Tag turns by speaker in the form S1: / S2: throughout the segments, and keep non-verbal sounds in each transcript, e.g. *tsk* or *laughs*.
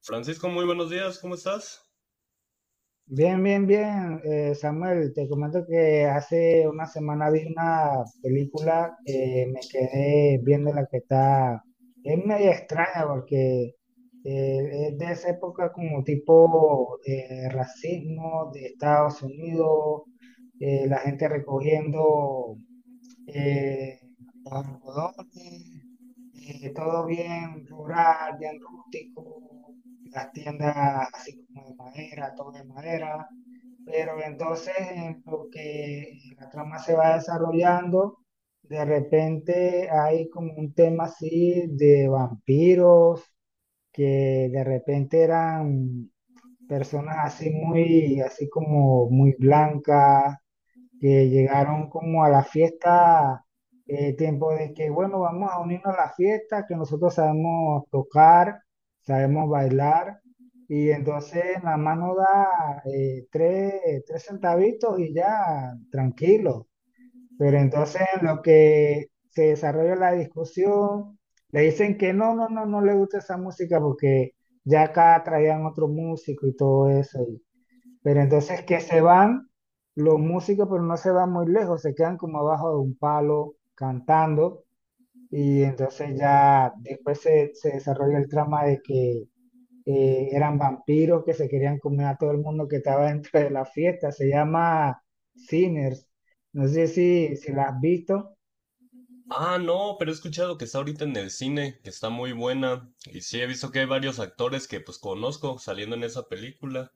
S1: Francisco, muy buenos días, ¿cómo estás?
S2: Bien, bien, bien, Samuel, te comento que hace una semana vi una película que me quedé viendo la que está, es media extraña porque es de esa época como tipo racismo de Estados Unidos, la gente recogiendo eh, los algodones, todo bien rural, bien rústico, las tiendas así como de madera, todo de madera. Pero entonces, en lo que la trama se va desarrollando, de repente hay como un tema así de vampiros, que de repente eran personas así muy, así como muy blancas, que llegaron como a la fiesta, tiempo de que, bueno, vamos a unirnos a la fiesta, que nosotros sabemos tocar, sabemos bailar, y entonces la mano da tres, tres centavitos y ya, tranquilo. Pero entonces en lo que se desarrolla la discusión, le dicen que no, no, no, no le gusta esa música porque ya acá traían otro músico y todo eso. Pero entonces que se van los músicos, pero no se van muy lejos, se quedan como abajo de un palo cantando y entonces ya después se desarrolla el trama de que eran vampiros que se querían comer a todo el mundo que estaba dentro de la fiesta. Se llama Sinners. No sé si la has visto.
S1: Ah, no, pero he escuchado que está ahorita en el cine, que está muy buena. Y sí, he visto que hay varios actores que pues conozco saliendo en esa película.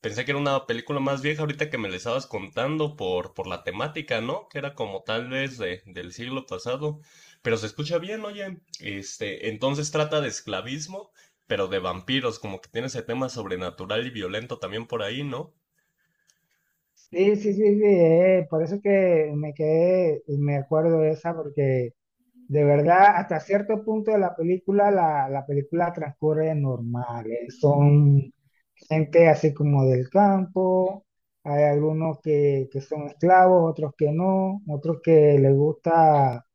S1: Pensé que era una película más vieja ahorita que me la estabas contando por la temática, ¿no? Que era como tal vez del siglo pasado. Pero se escucha bien, oye. Este, entonces trata de esclavismo, pero de vampiros, como que tiene ese tema sobrenatural y violento también por ahí, ¿no?
S2: Sí, sí, sí, sí. Por eso que me quedé, me acuerdo de esa porque de verdad, hasta cierto punto de la película, la película transcurre normal. Son gente así como del campo, hay algunos que son esclavos, otros que no, otros que les gusta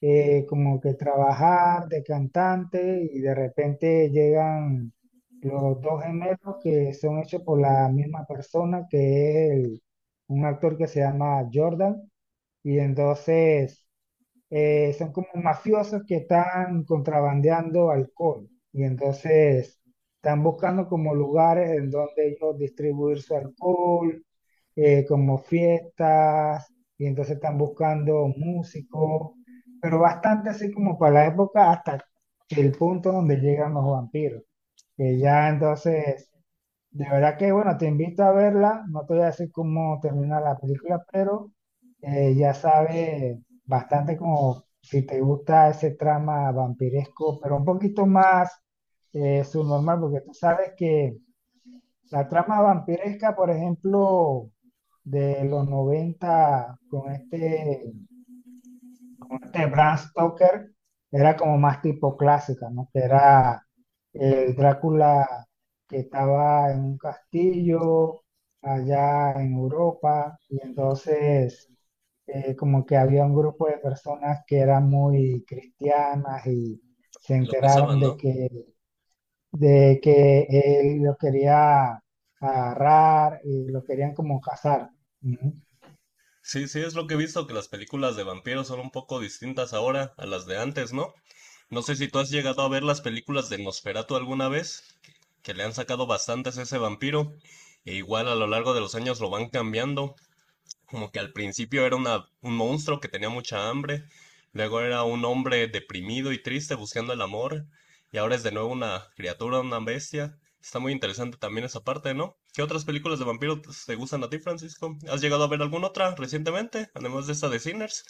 S2: como que trabajar de cantante y de repente llegan los dos gemelos que son hechos por la misma persona, que es un actor que se llama Jordan, y entonces son como mafiosos que están contrabandeando alcohol y entonces están buscando como lugares en donde ellos distribuir su alcohol, como fiestas, y entonces están buscando músicos, pero bastante así como para la época hasta el punto donde llegan los vampiros, que ya entonces de verdad que, bueno, te invito a verla. No te voy a decir cómo termina la película, pero ya sabes bastante como si te gusta ese trama vampiresco, pero un poquito más subnormal, porque tú sabes que la trama vampiresca, por ejemplo, de los 90 con este como este Bram Stoker era como más tipo clásica, ¿no? Que era el Drácula que estaba en un castillo allá en Europa y entonces como que había un grupo de personas que eran muy cristianas y se
S1: Y lo
S2: enteraron
S1: cazaban, ¿no?
S2: de que él lo quería agarrar y lo querían como cazar. Ujú.
S1: Sí, sí, es lo que he visto, que las películas de vampiros son un poco distintas ahora a las de antes, ¿no? No sé si tú has llegado a ver las películas de Nosferatu alguna vez, que le han sacado bastantes a ese vampiro, e igual a lo largo de los años lo van cambiando. Como que al principio era una- un monstruo que tenía mucha hambre, luego era un hombre deprimido y triste buscando el amor, y ahora es de nuevo una criatura, una bestia. Está muy interesante también esa parte, ¿no? ¿Qué otras películas de vampiros te gustan a ti, Francisco? ¿Has llegado a ver alguna otra recientemente, además de esta de Sinners?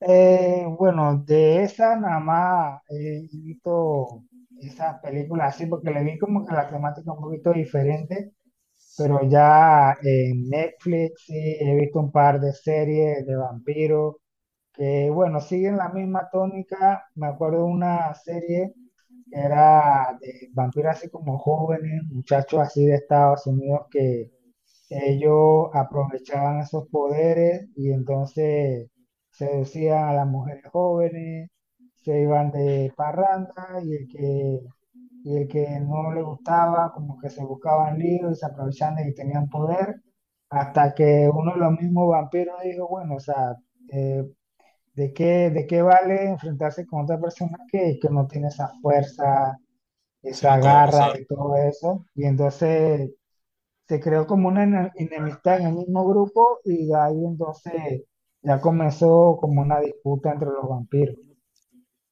S2: Bueno, de esa nada más he visto esas películas así, porque le vi como que la temática un poquito diferente, pero ya en Netflix sí he visto un par de series de vampiros que, bueno, siguen la misma tónica. Me acuerdo una serie que era de vampiros así como jóvenes, muchachos así de Estados Unidos que ellos aprovechaban esos poderes y entonces seducían a las mujeres jóvenes, se iban de parranda y el que no le gustaba, como que se buscaban líos y se aprovechaban de que tenían poder, hasta que uno de los mismos vampiros dijo, bueno, o sea, eh, de qué vale enfrentarse con otra persona que no tiene esa fuerza,
S1: Sino
S2: esa
S1: como
S2: garra
S1: abusar.
S2: y todo eso? Y entonces se creó como una enemistad en el mismo grupo y ahí entonces ya comenzó como una disputa entre los vampiros.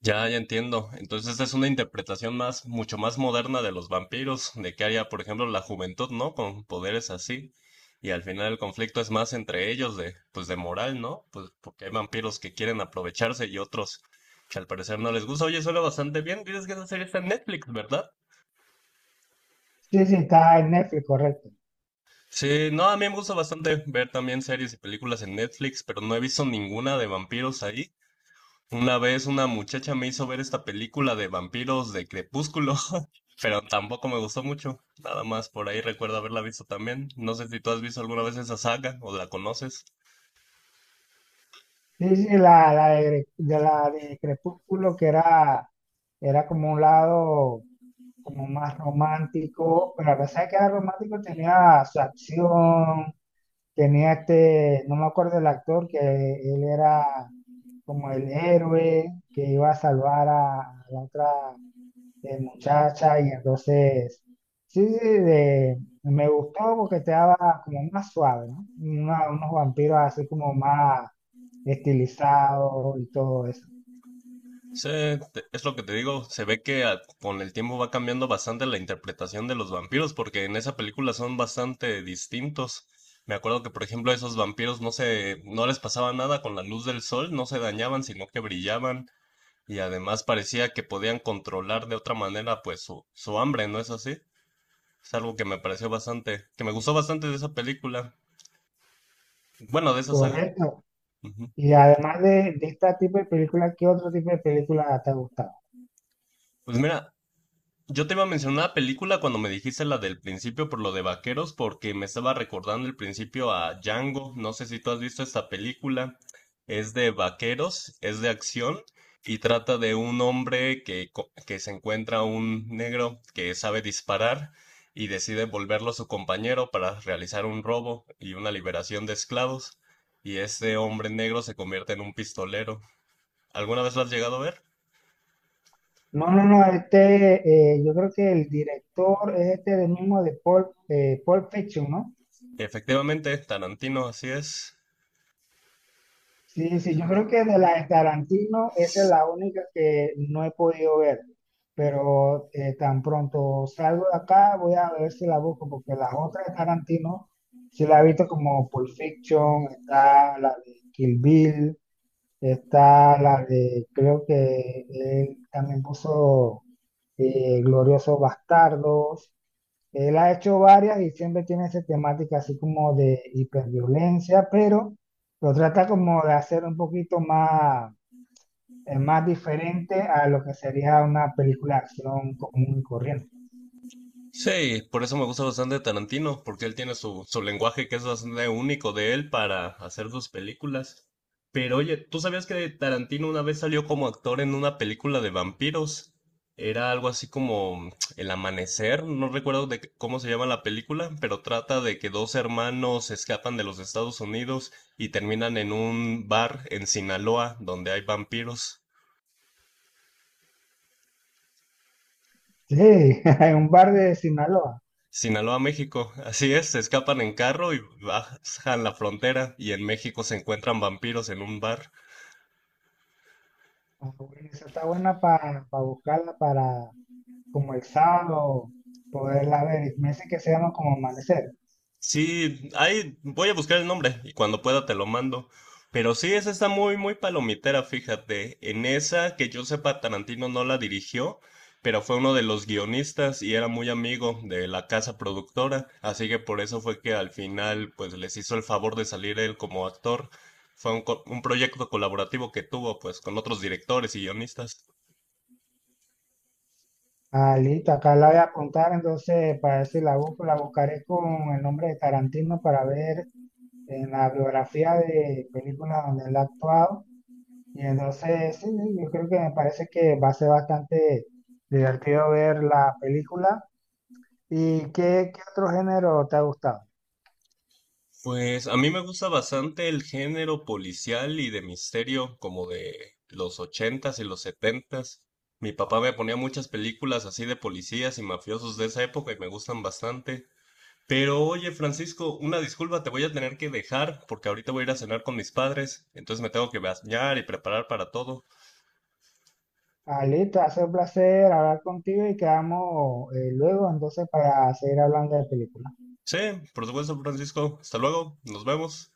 S1: Ya, ya entiendo. Entonces es una interpretación más, mucho más moderna de los vampiros, de qué haría, por ejemplo, la juventud, ¿no? Con poderes así. Y al final el conflicto es más entre ellos de, pues de moral, ¿no? Pues porque hay vampiros que quieren aprovecharse y otros que al parecer no les gusta. Oye, suena bastante bien. Tienes que esa serie está en Netflix, ¿verdad?
S2: Sí, sí, está en Netflix, correcto.
S1: Sí, no, a mí me gusta bastante ver también series y películas en Netflix, pero no he visto ninguna de vampiros ahí. Una vez una muchacha me hizo ver esta película de vampiros de Crepúsculo, *laughs* pero tampoco me gustó mucho. Nada más por ahí recuerdo haberla visto también. No sé si tú has visto alguna vez esa saga o la conoces.
S2: Sí, sí, la de, de la de Crepúsculo que era, era como un lado como más romántico, pero a pesar de que era romántico tenía su acción, tenía este, no me acuerdo el actor, que él era como el héroe que iba a salvar a la otra de muchacha y entonces, sí, sí, me gustó porque te daba como más suave, ¿no? Unos vampiros así como más estilizados y todo eso,
S1: Sí, es lo que te digo, se ve que con el tiempo va cambiando bastante la interpretación de los vampiros, porque en esa película son bastante distintos. Me acuerdo que, por ejemplo, a esos vampiros no les pasaba nada con la luz del sol, no se dañaban, sino que brillaban. Y además parecía que podían controlar de otra manera pues su hambre, ¿no es así? Es algo que me pareció bastante, que me gustó bastante de esa película. Bueno, de esa saga.
S2: correcto.
S1: Ujú.
S2: Y además de este tipo de película, ¿qué otro tipo de película te ha gustado?
S1: Pues mira, yo te iba a mencionar una película cuando me dijiste la del principio por lo de vaqueros, porque me estaba recordando el principio a Django. No sé si tú has visto esta película. Es de vaqueros, es de acción y trata de un hombre que se encuentra un negro que sabe disparar y decide volverlo su compañero para realizar un robo y una liberación de esclavos. Y ese hombre negro se convierte en un pistolero. ¿Alguna vez lo has llegado a ver?
S2: No, no, no, este, yo creo que el director es este del mismo de Paul, Pulp Fiction, ¿no?
S1: Efectivamente, Tarantino, así es.
S2: Sí, sí, yo creo que de la de Tarantino esa es la única que no he podido ver, pero tan pronto salgo de acá voy a ver si la busco, porque las otras de Tarantino sí la he visto como Pulp Fiction, está la de Kill Bill, está la de, creo que él también puso Gloriosos Bastardos, él ha hecho varias y siempre tiene esa temática así como de hiperviolencia, pero lo trata como de hacer un poquito más, más diferente a lo que sería una película de acción común y corriente.
S1: Sí, por eso me gusta bastante Tarantino, porque él tiene su, su lenguaje que es bastante único de él para hacer sus películas. Pero oye, ¿tú sabías que Tarantino una vez salió como actor en una película de vampiros? Era algo así como *tsk* El Amanecer, no recuerdo cómo se llama la película, pero trata de que dos hermanos se escapan de los Estados Unidos y terminan en un bar en Sinaloa donde hay vampiros.
S2: Sí, *laughs* en un bar de Sinaloa.
S1: Sinaloa, México. Así es, se escapan en carro y bajan la frontera y en México se encuentran vampiros en un bar.
S2: Ah, bueno, esa está buena para buscarla para como el sábado poderla ver. Y me dice que se llama como Amanecer.
S1: Sí, ahí voy a buscar el nombre y cuando pueda te lo mando. Pero sí, esa está muy, muy palomitera, fíjate. En esa, que yo sepa, Tarantino no la dirigió, pero fue uno de los guionistas y era muy amigo de la casa productora, así que por eso fue que al final, pues les hizo el favor de salir él como actor. Fue un proyecto colaborativo que tuvo, pues, con otros directores y guionistas.
S2: Ah, listo, acá la voy a apuntar, entonces para ver si la busco, la buscaré con el nombre de Tarantino para ver en la biografía de películas donde él ha actuado. Y entonces, sí, sí, yo creo que me parece que va a ser bastante divertido ver la película. ¿Y qué, qué otro género te ha gustado?
S1: Pues a mí me gusta bastante el género policial y de misterio, como de los ochentas y los setentas. Mi papá me ponía muchas películas así de policías y mafiosos de esa época y me gustan bastante. Pero oye, Francisco, una disculpa, te voy a tener que dejar porque ahorita voy a ir a cenar con mis padres, entonces me tengo que bañar y preparar para todo.
S2: Ah, listo, ha sido un placer hablar contigo y quedamos luego entonces para seguir hablando de películas.
S1: Sí, por supuesto, Francisco. Hasta luego, nos vemos.